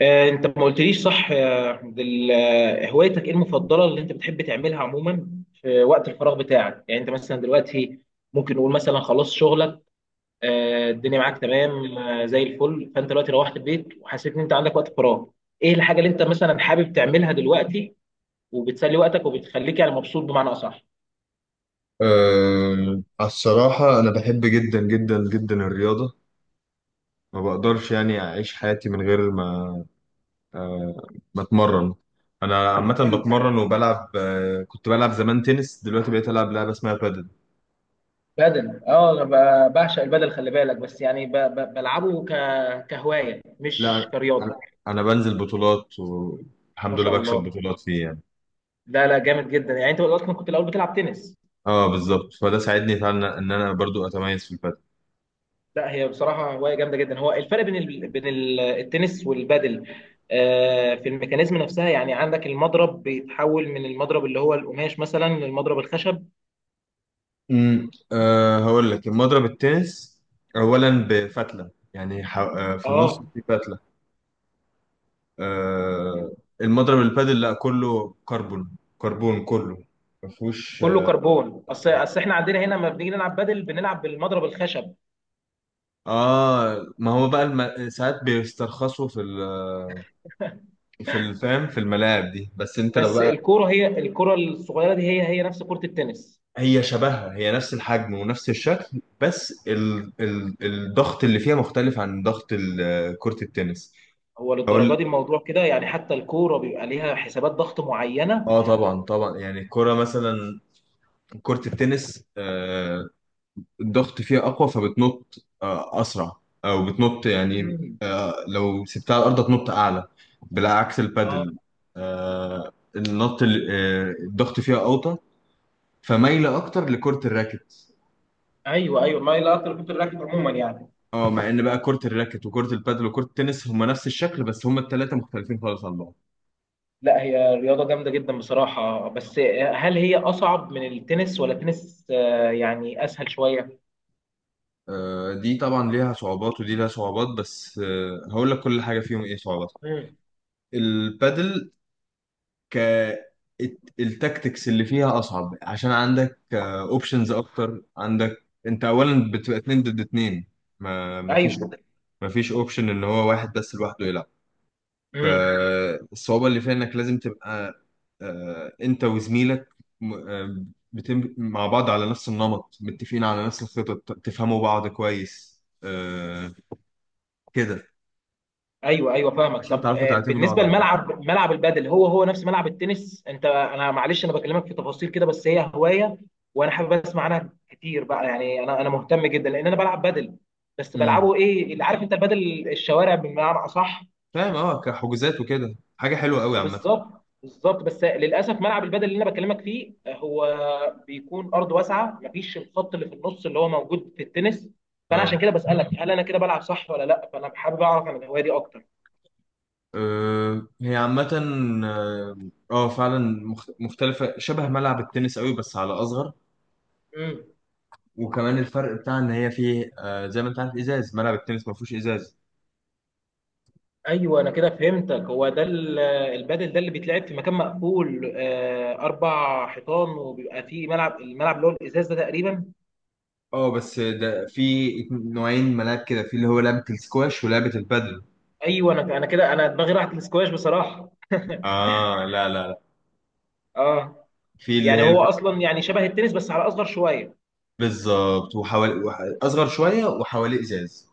انت ما قلتليش صح يا عبد ال- آه، هوايتك ايه المفضله اللي انت بتحب تعملها عموما في وقت الفراغ بتاعك؟ يعني انت مثلا دلوقتي ممكن نقول مثلا خلصت شغلك، الدنيا معاك تمام، زي الفل، فانت دلوقتي روحت البيت وحسيت ان انت عندك وقت فراغ. ايه الحاجه اللي انت مثلا حابب تعملها دلوقتي وبتسلي وقتك وبتخليك يعني مبسوط بمعنى اصح؟ أه، على الصراحة، أنا بحب جدا جدا جدا الرياضة. ما بقدرش، يعني، أعيش حياتي من غير ما أتمرن. أنا عامة حلو. بتمرن وبلعب. كنت بلعب زمان تنس. دلوقتي بقيت ألعب لعبة اسمها بادل. بدل، اه، انا بعشق البدل، خلي بالك، بس يعني بلعبه كهوايه مش لا، كرياضه. أنا أنا بنزل بطولات ما والحمد شاء لله بكسب الله. بطولات فيه، يعني. لا لا، جامد جدا. يعني انت دلوقتي كنت الاول بتلعب تنس؟ اه، بالظبط. فده ساعدني فعلا إن أنا برضو أتميز في البادل. لا، هي بصراحه هوايه جامده جدا. هو الفرق بين التنس والبادل، في الميكانيزم نفسها، يعني عندك المضرب بيتحول من المضرب اللي هو القماش مثلا للمضرب الخشب. أه هقول لك، المضرب التنس أولا بفتلة، يعني، في النص اه، في فتلة. آه، المضرب البادل لا، كله كربون. كربون كله، ما فيهوش. كله كربون. اصل احنا عندنا هنا لما بنيجي نلعب بادل بنلعب بالمضرب الخشب. اه ما هو بقى ساعات بيسترخصوا في ال... في الفام في الملاعب دي، بس انت لو بس بقى. الكوره، هي الكوره الصغيره دي، هي نفس كره التنس. هي شبهها، هي نفس الحجم ونفس الشكل، بس الضغط اللي فيها مختلف عن ضغط كرة التنس. هو للدرجه اقول، دي الموضوع كده؟ يعني حتى الكوره بيبقى ليها حسابات ضغط معينه؟ اه طبعا، طبعا. يعني الكرة مثلا، كرة التنس، الضغط فيها أقوى، فبتنط أسرع. أو بتنط، يعني، مم. لو سبتها على الأرض تنط أعلى. بالعكس اه. البادل، النط الضغط فيها أوطى، فمايلة أكتر لكرة الراكت. ايوه ايوه، ما هي لا، ركوب الراكب عموما يعني. اه، مع ان بقى كرة الراكت وكرة البادل وكرة التنس هما نفس الشكل، بس هما التلاتة مختلفين خالص عن بعض. لا، هي رياضه جامده جدا بصراحه. بس هل هي اصعب من التنس ولا التنس يعني اسهل شويه؟ دي طبعا ليها صعوبات ودي ليها صعوبات، بس هقول لك كل حاجة فيهم ايه صعوبات. مم. البادل، ك التكتكس اللي فيها اصعب، عشان عندك اوبشنز اكتر. عندك انت اولا بتبقى اتنين ضد اتنين. ما ما فيش ايوه. ما فيش اوبشن ان هو واحد بس لوحده يلعب. مم. فالصعوبة اللي فيها انك لازم تبقى انت وزميلك، م- آه، بتم مع بعض على نفس النمط، متفقين على نفس الخطط، تفهموا بعض كويس، كده، ايوه ايوه، فاهمك. عشان طب، تعرفوا تعتمدوا بالنسبه على بعض. لملعب، البادل هو نفس ملعب التنس؟ انا معلش، انا بكلمك في تفاصيل كده، بس هي هوايه وانا حابب اسمع عنها كتير بقى، يعني انا مهتم جدا لان انا بلعب بادل، بس امم بلعبه، ايه اللي عارف انت، البادل الشوارع بمعنى اصح. فاهم. اه كحجوزات وكده حاجة حلوة قوي عامة. بالظبط بالظبط، بس للاسف ملعب البدل اللي انا بكلمك فيه هو بيكون ارض واسعه، مفيش الخط اللي في النص اللي هو موجود في التنس. فانا عشان اه كده بسالك هل انا كده بلعب صح ولا لا، فانا حابب اعرف عن الهوايه دي اكتر. هي عامة. اه فعلا مختلفة شبه ملعب التنس قوي، بس على أصغر. امم. وكمان الفرق بتاع إن هي فيه، زي ما أنت عارف، إزاز. ملعب التنس ما فيهوش إزاز. ايوه، انا كده فهمتك، هو ده البدل ده اللي بيتلعب في مكان مقفول، اربع حيطان وبيبقى فيه الملعب اللي هو الازاز ده تقريبا. اه، بس ده في نوعين ملاعب كده، في اللي هو لعبة السكواش ولعبة البادل. ايوه، انا كده، انا دماغي راحت للسكواش بصراحه. اه، لا، لا، لا. اه. في اللي يعني هي هو اصلا يعني شبه التنس بس على اصغر شويه. بالظبط. أصغر شوية وحواليه إزاز.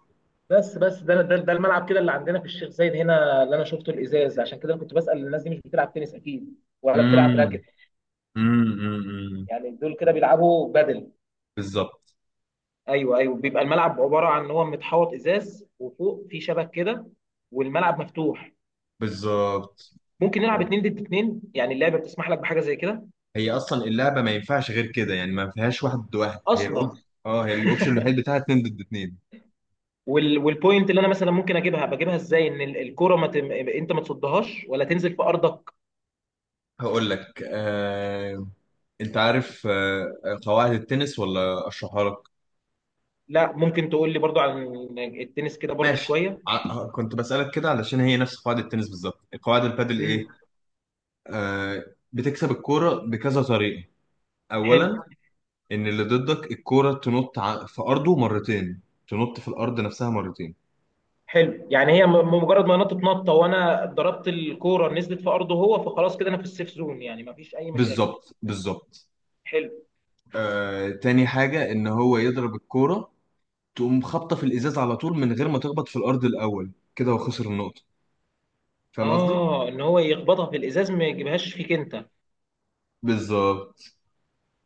بس ده الملعب كده اللي عندنا في الشيخ زايد هنا اللي انا شفته الازاز، عشان كده أنا كنت بسال الناس دي مش بتلعب تنس اكيد ولا بتلعب امم، راكت. امم، أمم، أمم. يعني دول كده بيلعبوا بدل؟ بالظبط، ايوه ايوه، بيبقى الملعب عباره عن ان هو متحوط ازاز وفوق في شبك كده، والملعب مفتوح، بالظبط. ممكن نلعب اتنين ضد اتنين، يعني اللعبه بتسمح لك بحاجه زي كده هي اصلا اللعبه ما ينفعش غير كده، يعني، ما فيهاش واحد ضد واحد، هي اصلا. الاوبشن. اه، هي الاوبشن الوحيد بتاعها اتنين ضد اتنين. والبوينت اللي انا مثلا ممكن بجيبها ازاي؟ ان الكره ما تم... انت ما تصدهاش ولا تنزل في ارضك. هقول لك، انت عارف قواعد التنس، ولا اشرحها لك؟ لا ممكن تقول لي برضو عن التنس كده برضو ماشي. شويه. كنت بسألك كده علشان هي نفس قواعد التنس بالظبط. قواعد البادل ايه؟ امم. آه... بتكسب الكوره بكذا طريقه. حلو اولا، ان اللي ضدك الكوره تنط في ارضه مرتين. تنط في الارض نفسها مرتين. حلو، يعني هي مجرد ما نطت نطه وانا ضربت الكوره نزلت في ارضه هو، فخلاص كده انا في السيف زون، يعني ما فيش اي مشاكل. بالظبط، بالظبط. حلو. تاني حاجه، ان هو يضرب الكوره تقوم خابطه في الازاز على طول، من غير ما تخبط في الارض الاول، كده وخسر النقطه. فاهم قصدي؟ اه، ان هو يخبطها في الازاز، ما يجيبهاش فيك انت. بالظبط.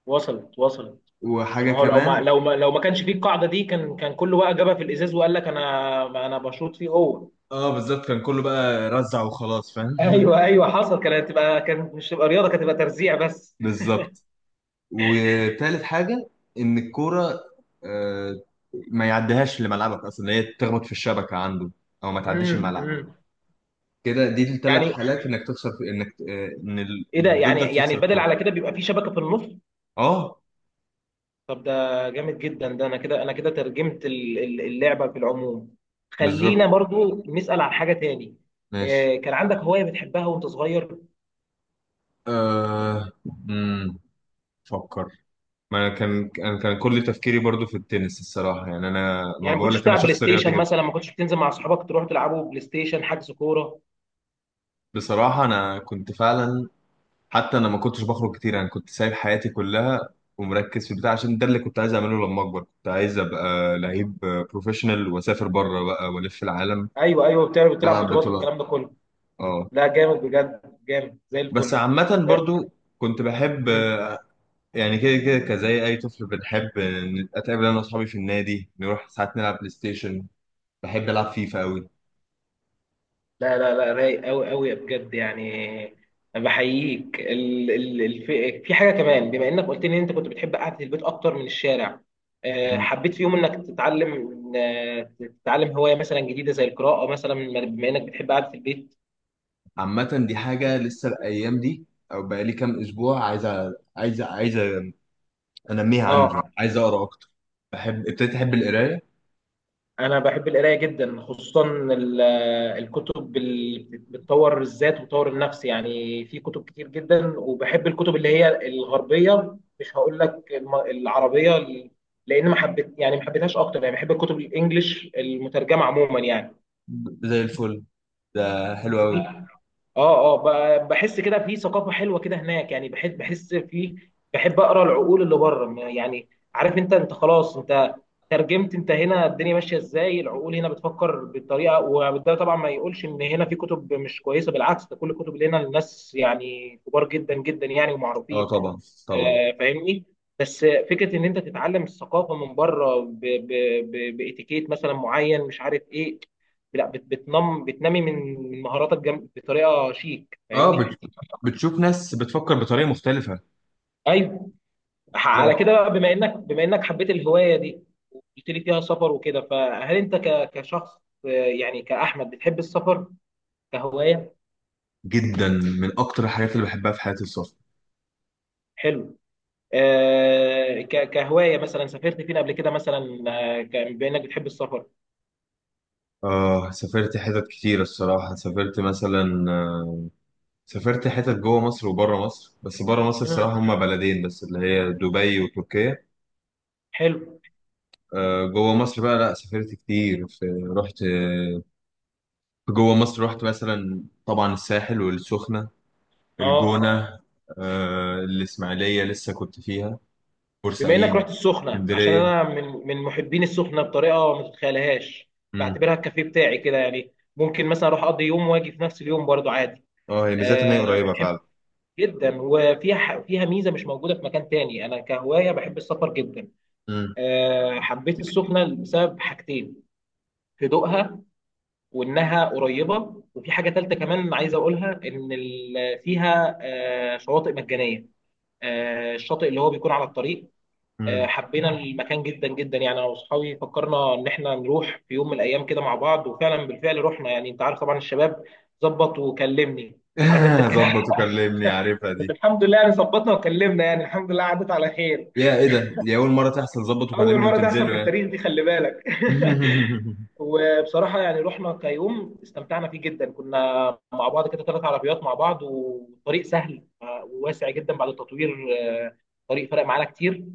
وصلت وصلت. وحاجه لما هو لو ما كمان. لو ما لو ما كانش فيه القاعده دي كان كله بقى جابها في الازاز وقال لك: انا ما انا بشوط فيه هو. اه، بالظبط، كان كله بقى رزع وخلاص، فاهم. ايوه ايوه، حصل، كانت مش تبقى رياضه، كانت تبقى ترزيع بس. بالظبط. وتالت حاجه، ان الكوره آه، ما يعديهاش لملعبك اصلا، هي تخبط في الشبكه عنده، او ما تعديش امم. الملعب. امم. كده دي الثلاث يعني حالات انك تخسر، في انك، ايه ده؟ اللي يعني ضدك تخسر البدل الكوره. على كده بيبقى فيه شبكه في النص. اه، طب ده جامد جدا، ده انا كده ترجمت اللعبه في العموم. بالظبط. خلينا برضو نسال عن حاجه تاني. ماشي. كان عندك هوايه بتحبها وانت صغير؟ أه... امم ما انا كان كل تفكيري برضو في التنس الصراحه، يعني، انا ما يعني ما بقول كنتش لك انا بتلعب بلاي شخص رياضي ستيشن جدا. مثلا، ما كنتش بتنزل مع اصحابك تروح تلعبوا بلاي ستيشن، حجز كوره؟ بصراحه انا كنت فعلا. حتى انا ما كنتش بخرج كتير، انا كنت سايب حياتي كلها، ومركز في بتاع، عشان ده اللي كنت عايز اعمله. لما اكبر كنت عايز ابقى لعيب بروفيشنال واسافر بره بقى والف العالم. ايوه ايوه، بتلعب بلعب بطولات بطولات. والكلام ده كله. اه، لا، جامد بجد، جامد زي بس الفل. عامه برضو كنت بحب، آه، يعني كده كده، كزي اي طفل بنحب، اتقابل انا واصحابي في النادي، نروح ساعات نلعب بلاي ستيشن. بحب العب فيفا قوي. لا لا لا، رايق قوي قوي بجد يعني. بحييك. في حاجه كمان، بما انك قلت لي ان انت كنت بتحب قعده البيت اكتر من الشارع، حبيت في يوم انك تتعلم آه، هوايه مثلا جديده زي القراءه مثلا، بما انك بتحب قعده البيت؟ عامة دي حاجة لسه الأيام دي، أو بقالي كام أسبوع عايزة أنميها عندي، اه، عايز أقرأ أكتر. ابتديت أحب القراية. انا بحب القرايه جدا، خصوصا الكتب اللي بتطور الذات وتطور النفس، يعني في كتب كتير جدا، وبحب الكتب اللي هي الغربيه، مش هقول لك العربيه، لان ما حبيتهاش اكتر، يعني بحب الكتب الانجليش المترجمه عموما. زي الفل. ده حلو أوي. يعني، اه، اه، بحس كده في ثقافه حلوه كده هناك، يعني بحس، في، بحب اقرا العقول اللي بره يعني، عارف انت خلاص، انت ترجمت، انت هنا الدنيا ماشيه ازاي، العقول هنا بتفكر بالطريقه. وده طبعا ما يقولش ان هنا في كتب مش كويسه، بالعكس، ده كل الكتب اللي هنا الناس يعني كبار جدا جدا يعني، أه، ومعروفين. طبعا، طبعا. فاهمني؟ بس فكره ان انت تتعلم الثقافه من بره، باتيكيت مثلا معين مش عارف ايه، لا بتنمي من مهاراتك، بطريقه شيك، أه، فاهمني؟ بتشوف ناس بتفكر بطريقة مختلفة. ايوه. لا، على كده بقى، بما انك، حبيت الهوايه دي وقلت لي فيها سفر وكده، فهل انت كشخص، يعني كاحمد، بتحب السفر كهوايه؟ جدا. من أكتر الحاجات اللي بحبها في حياتي السفر. حلو. كهوايه مثلا سافرت فين قبل كده مثلا، بما انك بتحب السفر؟ سافرت حتت كتير الصراحة. سافرت مثلا، سافرت حتت جوه مصر وبره مصر. بس بره مصر مم. الصراحة هما بلدين بس، اللي هي دبي وتركيا. حلو. جوه مصر بقى، لا سافرت كتير في. رحت آه، في جوه مصر رحت مثلا، طبعا، الساحل والسخنة، اه، الجونة، الإسماعيلية لسه كنت فيها، بما انك بورسعيد، رحت السخنه، عشان اسكندرية. انا من محبين السخنه بطريقه ما تتخيلهاش، مم. بعتبرها الكافيه بتاعي كده، يعني ممكن مثلا اروح اقضي يوم واجي في نفس اليوم برضو عادي. اه، هي ميزتها ان هي أه، قريبة بحب فعلا. جدا، وفيها، ح- فيها ميزه مش موجوده في مكان تاني، انا كهوايه بحب السفر جدا. مم. أه، حبيت السخنه بسبب حاجتين: هدوءها وانها قريبه، وفي حاجه تالته كمان عايز اقولها، ان فيها شواطئ مجانيه، الشاطئ اللي هو بيكون على الطريق. مم. حبينا المكان جدا جدا، يعني انا واصحابي فكرنا ان احنا نروح في يوم من الايام كده مع بعض، وفعلا بالفعل رحنا، يعني انت عارف طبعا الشباب، ظبط وكلمني، عارف انت الكلام. ظبط وكلمني، عارفها دي. الحمد لله يعني، ظبطنا وكلمنا، يعني الحمد لله عدت على خير. يا ايه ده؟ دي أول مرة تحصل ظبط اول وكلمني مره تحصل وتنزلوا، في يعني؟ التاريخ دي، خلي بالك. وبصراحه يعني رحنا كيوم استمتعنا فيه جدا، كنا مع بعض كده، ثلاث عربيات مع بعض، والطريق سهل وواسع جدا بعد التطوير، آه، الطريق فرق معانا كتير.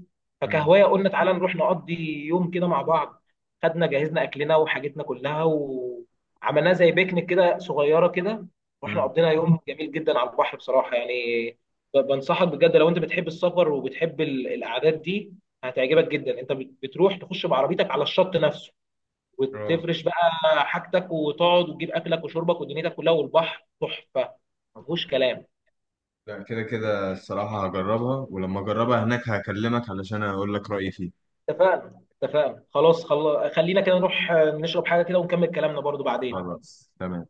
مم. فكهوايه قلنا تعالى نروح نقضي يوم كده مع بعض، خدنا جهزنا اكلنا وحاجتنا كلها، وعملناه زي بيكنيك كده صغيره كده، واحنا مم. قضينا يوم جميل جدا على البحر بصراحه يعني. بنصحك بجد، لو انت بتحب السفر وبتحب القعدات دي هتعجبك جدا، انت بتروح تخش بعربيتك على الشط نفسه، اه، وتفرش بقى حاجتك وتقعد وتجيب اكلك وشربك ودنيتك كلها، والبحر تحفه ما فيهوش كلام. لا، كده كده الصراحة هجربها، ولما أجربها هناك هكلمك علشان أقول لك رأيي فيها. اتفقنا اتفقنا خلاص، خلينا كده نروح نشرب حاجه كده ونكمل كلامنا برضو بعدين. خلاص، تمام.